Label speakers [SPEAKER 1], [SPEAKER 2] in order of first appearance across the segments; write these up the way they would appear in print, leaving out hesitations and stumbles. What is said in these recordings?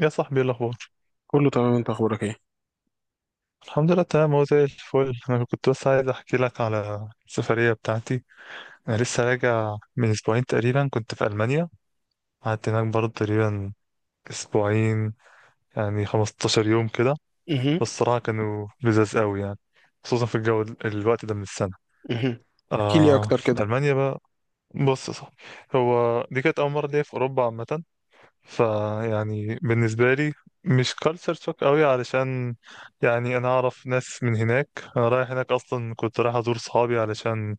[SPEAKER 1] يا صاحبي ايه الاخبار؟
[SPEAKER 2] كله تمام، انت اخبارك ايه؟
[SPEAKER 1] الحمد لله تمام، هو زي الفل. انا كنت بس عايز احكي لك على السفريه بتاعتي. انا لسه راجع من اسبوعين تقريبا، كنت في المانيا. قعدت هناك برضه تقريبا اسبوعين، يعني 15 يوم كده.
[SPEAKER 2] مهم.
[SPEAKER 1] بس الصراحه كانوا لذاذ قوي يعني، خصوصا في الجو الوقت ده من السنه.
[SPEAKER 2] مهم. احكي لي
[SPEAKER 1] آه،
[SPEAKER 2] اكتر كده.
[SPEAKER 1] المانيا بقى. بص يا صاحبي، هو دي كانت اول مره ليا في اوروبا عامه. فيعني بالنسبة لي مش كالتشر شوك قوي، علشان يعني انا اعرف ناس من هناك. انا رايح هناك اصلا، كنت رايح ازور صحابي علشان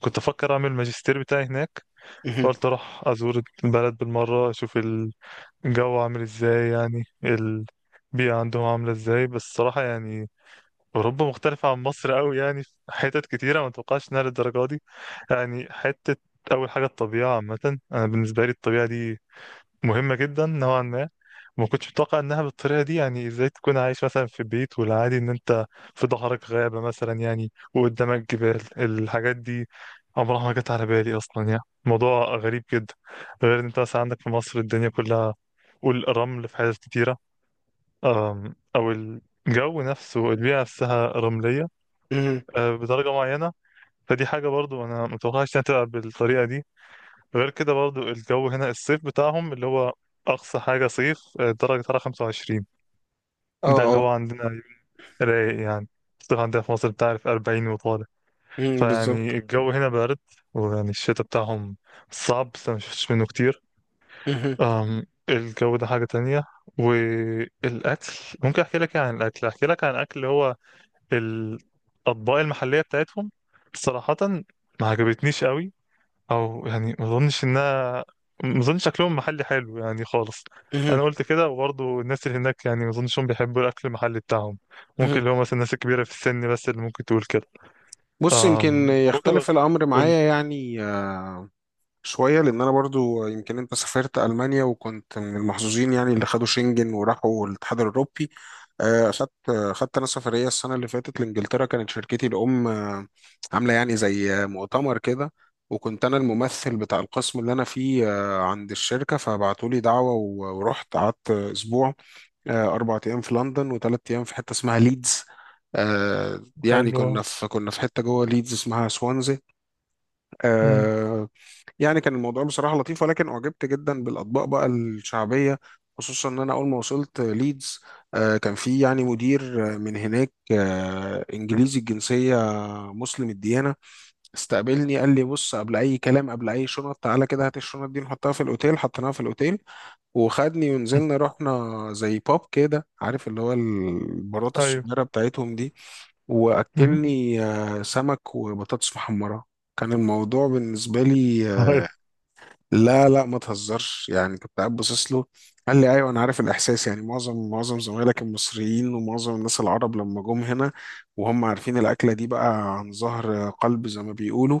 [SPEAKER 1] كنت افكر اعمل الماجستير بتاعي هناك.
[SPEAKER 2] مهم.
[SPEAKER 1] قلت اروح ازور البلد بالمرة، اشوف الجو عامل ازاي، يعني البيئة عندهم عاملة ازاي. بس الصراحة يعني اوروبا مختلفة عن مصر قوي، يعني في حتت كتيرة ما اتوقعش انها للدرجة دي. يعني حتة، اول حاجة الطبيعة عامة، انا بالنسبة لي الطبيعة دي مهمة جدا نوعا ما، وما كنتش متوقع انها بالطريقة دي. يعني ازاي تكون عايش مثلا في بيت، والعادي ان انت في ظهرك غابة مثلا، يعني وقدامك جبال. الحاجات دي عمرها ما جت على بالي اصلا، يعني موضوع غريب جدا. غير ان انت مثلا عندك في مصر الدنيا كلها والرمل في حاجات كتيرة. او الجو نفسه، البيئة نفسها رملية
[SPEAKER 2] مهم.
[SPEAKER 1] بدرجة معينة. فدي حاجة برضو انا متوقعش انها تبقى بالطريقة دي. غير كده برضو الجو هنا، الصيف بتاعهم اللي هو أقصى حاجة صيف درجة حرارة 25.
[SPEAKER 2] اه
[SPEAKER 1] ده اللي هو
[SPEAKER 2] اه.
[SPEAKER 1] عندنا رايق يعني. الصيف عندنا في مصر بتعرف 40 وطالع.
[SPEAKER 2] مم، بالظبط.
[SPEAKER 1] فيعني الجو هنا بارد. ويعني الشتاء بتاعهم صعب، بس أنا مشفتش منه كتير.
[SPEAKER 2] مهم.
[SPEAKER 1] الجو ده حاجة تانية. والأكل، ممكن أحكي لك إيه عن الأكل؟ أحكي لك عن الأكل اللي هو الأطباق المحلية بتاعتهم. صراحة ما عجبتنيش قوي، او يعني ما اظنش شكلهم محلي حلو يعني خالص.
[SPEAKER 2] مهم.
[SPEAKER 1] انا قلت كده، وبرضه الناس اللي هناك يعني ما اظنش هم بيحبوا الاكل المحلي بتاعهم. ممكن
[SPEAKER 2] مهم.
[SPEAKER 1] اللي هو مثلا الناس الكبيره في السن بس اللي ممكن تقول كده.
[SPEAKER 2] بص، يمكن
[SPEAKER 1] امم، ممكن.
[SPEAKER 2] يختلف الامر
[SPEAKER 1] قول لي.
[SPEAKER 2] معايا يعني شوية. لأن أنا برضو، يمكن أنت سافرت ألمانيا وكنت من المحظوظين يعني اللي خدوا شنجن وراحوا الاتحاد الأوروبي. أخدت أنا سفرية السنة اللي فاتت لإنجلترا. كانت شركتي الأم عاملة يعني زي مؤتمر كده، وكنت أنا الممثل بتاع القسم اللي أنا فيه عند الشركة، فبعتولي دعوة ورحت قعدت أسبوع. أربع أيام في لندن وثلاث أيام في حتة اسمها ليدز. يعني
[SPEAKER 1] حلو.
[SPEAKER 2] كنا في حتة جوه ليدز اسمها سوانزي.
[SPEAKER 1] امم.
[SPEAKER 2] آه، يعني كان الموضوع بصراحة لطيف، ولكن أعجبت جدا بالأطباق بقى الشعبية. خصوصا إن أنا أول ما وصلت ليدز كان في يعني مدير من هناك، إنجليزي الجنسية، مسلم الديانة. استقبلني قال لي: بص، قبل أي كلام، قبل أي شنط، تعالى كده هات الشنط دي نحطها في الأوتيل. حطيناها في الأوتيل وخدني ونزلنا، رحنا زي باب كده، عارف اللي هو البارات
[SPEAKER 1] ايوه.
[SPEAKER 2] الصغيرة بتاعتهم دي.
[SPEAKER 1] مم.
[SPEAKER 2] وأكلني سمك وبطاطس محمرة. كان الموضوع بالنسبة لي،
[SPEAKER 1] ايوه.
[SPEAKER 2] لا لا ما تهزرش، يعني كنت قاعد باصص له. قال لي: ايوه انا عارف الاحساس، يعني معظم زمايلك المصريين ومعظم الناس العرب لما جم هنا، وهم عارفين الاكله دي بقى عن ظهر قلب زي ما بيقولوا،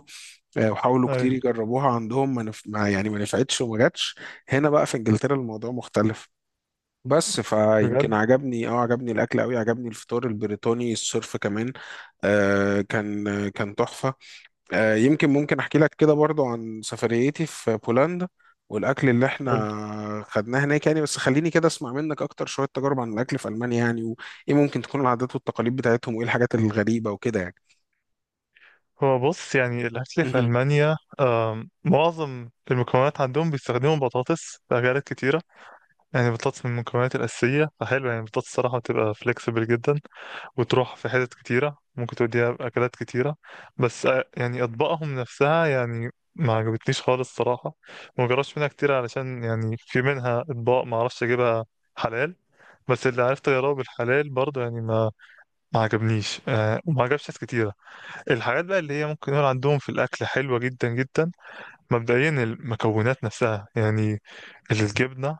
[SPEAKER 2] وحاولوا كتير
[SPEAKER 1] ايوه.
[SPEAKER 2] يجربوها عندهم ما يعني ما نفعتش وما جاتش. هنا بقى في انجلترا الموضوع مختلف. بس فيمكن
[SPEAKER 1] بجد؟
[SPEAKER 2] عجبني، اه عجبني الاكل قوي، عجبني الفطار البريطاني الصرف كمان. آه، كان كان تحفه. يمكن ممكن احكي لك كده برضو عن سفريتي في بولندا والاكل اللي
[SPEAKER 1] قول لي.
[SPEAKER 2] احنا خدناه هناك يعني. بس خليني كده اسمع منك اكتر شوية تجارب عن الاكل في المانيا يعني، وايه ممكن تكون العادات والتقاليد بتاعتهم، وايه الحاجات الغريبة وكده يعني.
[SPEAKER 1] هو بص، يعني الاكل في
[SPEAKER 2] مهم.
[SPEAKER 1] المانيا، معظم المكونات عندهم بيستخدموا بطاطس في اكلات كتيره. يعني بطاطس من المكونات الاساسيه، فحلو يعني. البطاطس الصراحه بتبقى فليكسبل جدا، وتروح في حتت كتيرة، ممكن توديها بأكلات كتيرة. بس يعني أطباقهم نفسها يعني ما عجبتنيش خالص صراحة. وما جربتش منها كتير، علشان يعني في منها أطباق ما أعرفش أجيبها حلال. بس اللي عرفت أجربه بالحلال برضه يعني ما عجبنيش وما عجبش ناس كتيرة. الحاجات بقى اللي هي ممكن نقول عندهم في الأكل حلوة جدا جدا، مبدئيا المكونات نفسها يعني. الجبنة،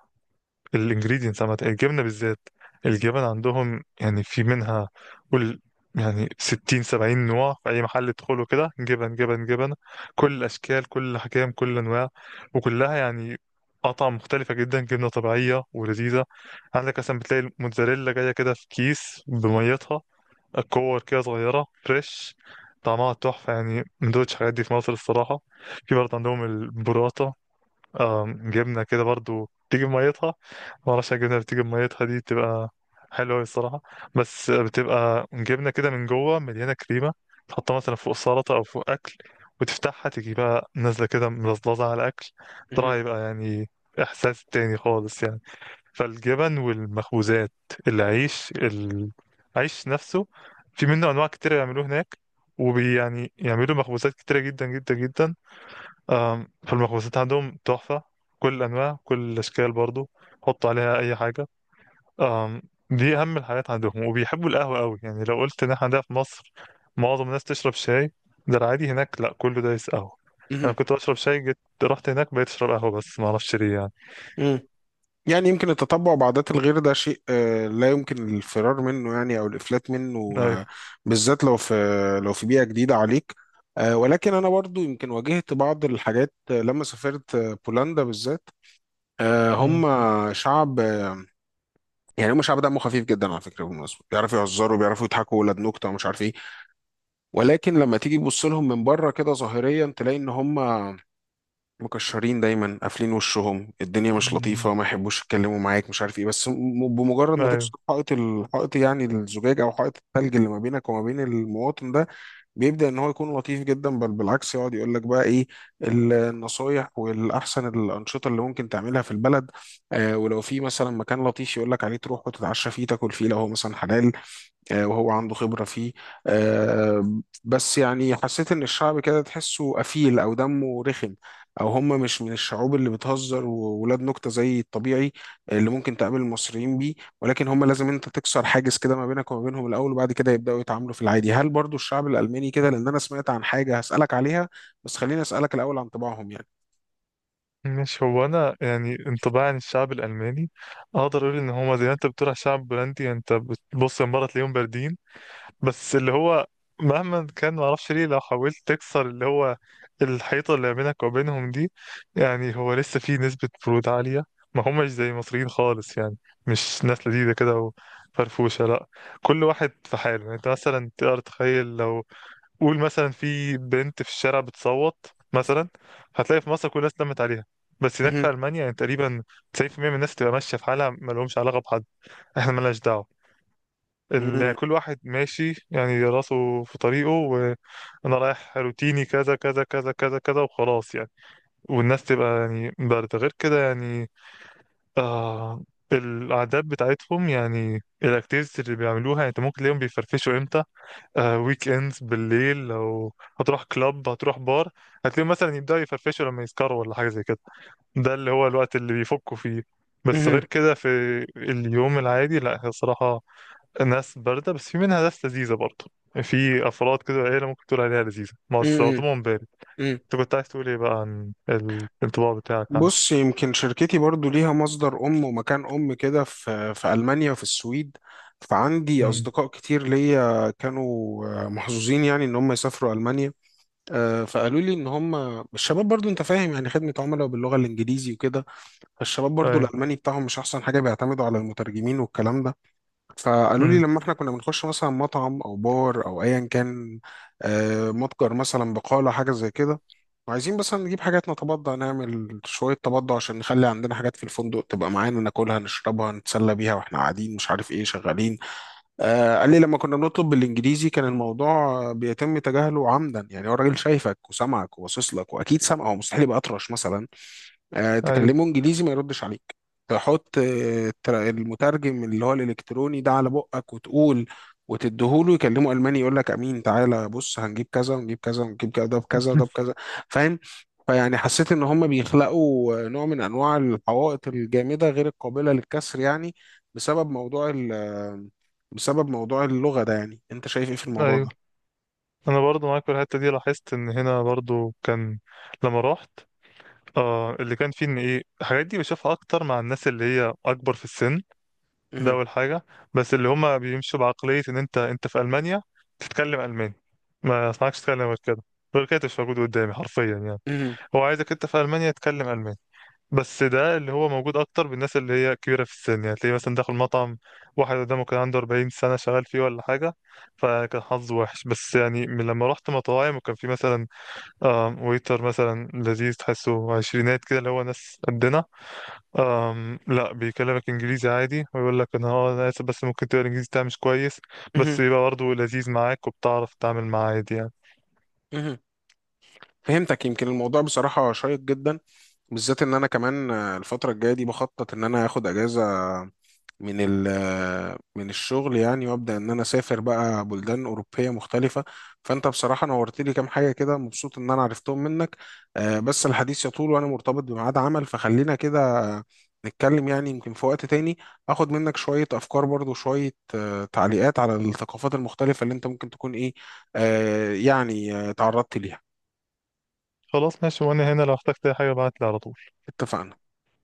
[SPEAKER 1] الانجريدينتس عامة، الجبنة بالذات، الجبن عندهم يعني في منها، قول، يعني ستين سبعين نوع. في أي محل تدخله كده جبن جبن جبن، كل الأشكال كل الأحجام كل الأنواع، وكلها يعني قطع مختلفة جدا، جبنة طبيعية ولذيذة. عندك مثلا بتلاقي الموتزاريلا جاية كده في كيس بميتها، كور كده صغيرة فريش، طعمها تحفة يعني. ما دوتش الحاجات دي في مصر الصراحة. في برضه عندهم البوراتا، اه جبنة كده برضو بتيجي بميتها. معرفش الجبنة اللي بتيجي بميتها دي بتبقى حلوة أوي الصراحة. بس بتبقى جبنة كده من جوه مليانة كريمة، تحطها مثلا فوق السلطة أو فوق أكل، وتفتحها تيجي بقى نازلة كده ملظلظة على الأكل.
[SPEAKER 2] مهم.
[SPEAKER 1] ترى يبقى يعني إحساس تاني خالص يعني. فالجبن والمخبوزات، العيش، العيش نفسه في منه أنواع كتير يعملوه هناك، وبي يعني يعملوا مخبوزات كتيرة جدا جدا جدا. فالمخبوزات عندهم تحفة، كل الأنواع كل الأشكال برضو، حطوا عليها أي حاجة. آم، دي أهم الحاجات عندهم. وبيحبوا القهوة قوي، يعني لو قلت إن إحنا عندنا في مصر معظم الناس تشرب شاي، ده العادي. هناك لأ، كله دايس قهوة. أنا
[SPEAKER 2] مهم.
[SPEAKER 1] كنت بشرب شاي، جيت رحت هناك بقيت أشرب قهوة، بس معرفش ليه يعني.
[SPEAKER 2] مهم. يعني يمكن التطبع بعادات الغير ده شيء لا يمكن الفرار منه يعني او الافلات منه.
[SPEAKER 1] أيوه.
[SPEAKER 2] بالذات لو في، لو في بيئة جديدة عليك. ولكن انا برضو يمكن واجهت بعض الحاجات لما سافرت بولندا بالذات.
[SPEAKER 1] مم.
[SPEAKER 2] هم شعب، يعني هم شعب دمه خفيف جدا على فكره بالمناسبه، بيعرفوا يهزروا بيعرفوا يضحكوا، ولاد نكته ومش عارف ايه. ولكن لما تيجي تبص لهم من بره كده ظاهريا تلاقي ان هم مكشرين دايما، قافلين وشهم، الدنيا مش
[SPEAKER 1] مم.
[SPEAKER 2] لطيفه، ما يحبوش يتكلموا معاك، مش عارف ايه. بس بمجرد ما تكسر
[SPEAKER 1] أيوه.
[SPEAKER 2] الحائط يعني الزجاج او حائط الثلج اللي ما بينك وما بين المواطن ده، بيبدأ ان هو يكون لطيف جدا. بل بالعكس يقعد يقول لك بقى ايه النصايح والاحسن الانشطه اللي ممكن تعملها في البلد. آه، ولو في مثلا مكان لطيف يقول لك عليه تروح وتتعشى فيه تاكل فيه لو هو مثلا حلال، وهو عنده خبرة فيه. بس يعني حسيت إن الشعب كده تحسه قفيل أو دمه رخم، أو هم مش من الشعوب اللي بتهزر وولاد نكتة زي الطبيعي اللي ممكن تقابل المصريين بيه. ولكن هم لازم أنت تكسر حاجز كده ما بينك وما بينهم الأول، وبعد كده يبدأوا يتعاملوا في العادي. هل برضو الشعب الألماني كده؟ لأن أنا سمعت عن حاجة هسألك عليها، بس خليني أسألك الأول عن طباعهم يعني.
[SPEAKER 1] مش هو، أنا يعني انطباعي عن الشعب الألماني أقدر أقول إن هما زي ما أنت بتقول على الشعب البولندي، يعني أنت بتبص المرة تلاقيهم باردين. بس اللي هو مهما كان، معرفش ليه، لو حاولت تكسر اللي هو الحيطة اللي بينك وبينهم دي، يعني هو لسه في نسبة برود عالية. ما هماش زي المصريين خالص يعني، مش ناس لذيذة كده وفرفوشة، لا. كل واحد في حاله يعني. انت مثلا تقدر تخيل لو قول مثلا في بنت في الشارع بتصوت مثلا، هتلاقي في مصر كل الناس لمت عليها، بس هناك في
[SPEAKER 2] مهم.
[SPEAKER 1] ألمانيا يعني تقريبا 90% من الناس تبقى ماشية في حالها، مالهمش علاقة بحد. احنا مالناش دعوة.
[SPEAKER 2] مهم.
[SPEAKER 1] كل واحد ماشي يعني راسه في طريقه، وانا رايح روتيني كذا كذا كذا كذا كذا وخلاص يعني. والناس تبقى يعني بارده. غير كده يعني، آه، العادات بتاعتهم، يعني الاكتيفيتيز اللي بيعملوها، يعني انت ممكن تلاقيهم بيفرفشوا امتى؟ آه، ويك اندز بالليل، لو هتروح كلاب، هتروح بار، هتلاقيهم مثلا يبداوا يفرفشوا لما يسكروا ولا حاجه زي كده. ده اللي هو الوقت اللي بيفكوا فيه. بس غير كده في اليوم العادي لا، هي الصراحه ناس باردة. بس في منها ناس لذيذة برضه، في أفراد كده، عيلة ممكن تقول عليها لذيذة ما
[SPEAKER 2] مهم.
[SPEAKER 1] وصلتهم بالي.
[SPEAKER 2] مهم.
[SPEAKER 1] أنت كنت عايز تقول إيه بقى عن الانطباع بتاعك عنها؟
[SPEAKER 2] بص، يمكن شركتي برضو ليها مصدر ومكان كده في في ألمانيا وفي السويد، فعندي
[SPEAKER 1] امم.
[SPEAKER 2] أصدقاء كتير ليا كانوا محظوظين يعني إن هم يسافروا ألمانيا. فقالوا لي إن هم، الشباب برضو أنت فاهم يعني خدمة عملاء باللغة الإنجليزي وكده، فالشباب برضو
[SPEAKER 1] أيوه.
[SPEAKER 2] الألماني بتاعهم مش أحسن حاجة، بيعتمدوا على المترجمين والكلام ده. فقالوا لي
[SPEAKER 1] امم.
[SPEAKER 2] لما احنا كنا بنخش مثلا مطعم او بار او ايا كان، متجر مثلا، بقالة، حاجة زي كده، وعايزين مثلا نجيب حاجات نتبضع نعمل شوية تبضع عشان نخلي عندنا حاجات في الفندق تبقى معانا ناكلها نشربها نتسلى بيها واحنا قاعدين مش عارف ايه شغالين. آه قال لي لما كنا بنطلب بالانجليزي كان الموضوع بيتم تجاهله عمدا. يعني هو الراجل شايفك وسامعك وباصص لك واكيد سامعه، هو مستحيل يبقى اطرش مثلا.
[SPEAKER 1] أيوه.
[SPEAKER 2] تكلمه انجليزي ما يردش عليك. تحط المترجم اللي هو الالكتروني ده على بقك وتقول، وتديهوله يكلمه الماني، يقول لك امين تعالى بص هنجيب كذا ونجيب كذا ونجيب كذا ده بكذا ده بكذا، فاهم. فيعني حسيت ان هم بيخلقوا نوع من انواع الحوائط الجامده غير القابله للكسر يعني، بسبب موضوع بسبب موضوع اللغه ده. يعني انت شايف ايه في الموضوع
[SPEAKER 1] أيوه.
[SPEAKER 2] ده؟
[SPEAKER 1] أنا برضه معاك في الحتة دي، لاحظت إن هنا برضه كان، لما رحت، آه اللي كان فيه إن إيه، الحاجات دي بشوفها أكتر مع الناس اللي هي أكبر في السن. ده
[SPEAKER 2] مهم.
[SPEAKER 1] أول حاجة. بس اللي هما بيمشوا بعقلية إن أنت، أنت في ألمانيا تتكلم ألماني، ما أسمعكش تتكلم غير كده، غير كده مش موجود قدامي حرفيا يعني.
[SPEAKER 2] مهم.
[SPEAKER 1] هو عايزك انت في المانيا تتكلم الماني. بس ده اللي هو موجود اكتر بالناس اللي هي كبيره في السن. يعني تلاقيه مثلا داخل مطعم واحد قدامه كان عنده 40 سنه شغال فيه ولا حاجه، فكان حظه وحش. بس يعني من لما رحت مطاعم وكان في مثلا ويتر مثلا لذيذ، تحسه عشرينات كده، اللي هو ناس قدنا، لا بيكلمك انجليزي عادي، ويقول لك انا انا اسف بس ممكن، تقرا الانجليزي بتاعي مش كويس.
[SPEAKER 2] مهم.
[SPEAKER 1] بس يبقى برضه لذيذ معاك، وبتعرف تتعامل معاه عادي يعني.
[SPEAKER 2] مهم. فهمتك. يمكن الموضوع بصراحة شيق جدا، بالذات ان انا كمان الفتره الجايه دي بخطط ان انا اخد اجازه من ال من الشغل يعني، وابدا ان انا اسافر بقى بلدان اوروبيه مختلفه. فانت بصراحه نورت لي كام حاجه كده، مبسوط ان انا عرفتهم منك. بس الحديث يطول وانا مرتبط بميعاد عمل فخلينا كده. آه، نتكلم يعني يمكن في وقت تاني، اخد منك شويه افكار برضو، شويه تعليقات على الثقافات المختلفه اللي انت ممكن تكون ايه، يعني تعرضت ليها.
[SPEAKER 1] خلاص ماشي، وانا هنا لو احتجت اي حاجه ابعت لي على طول.
[SPEAKER 2] اتفقنا.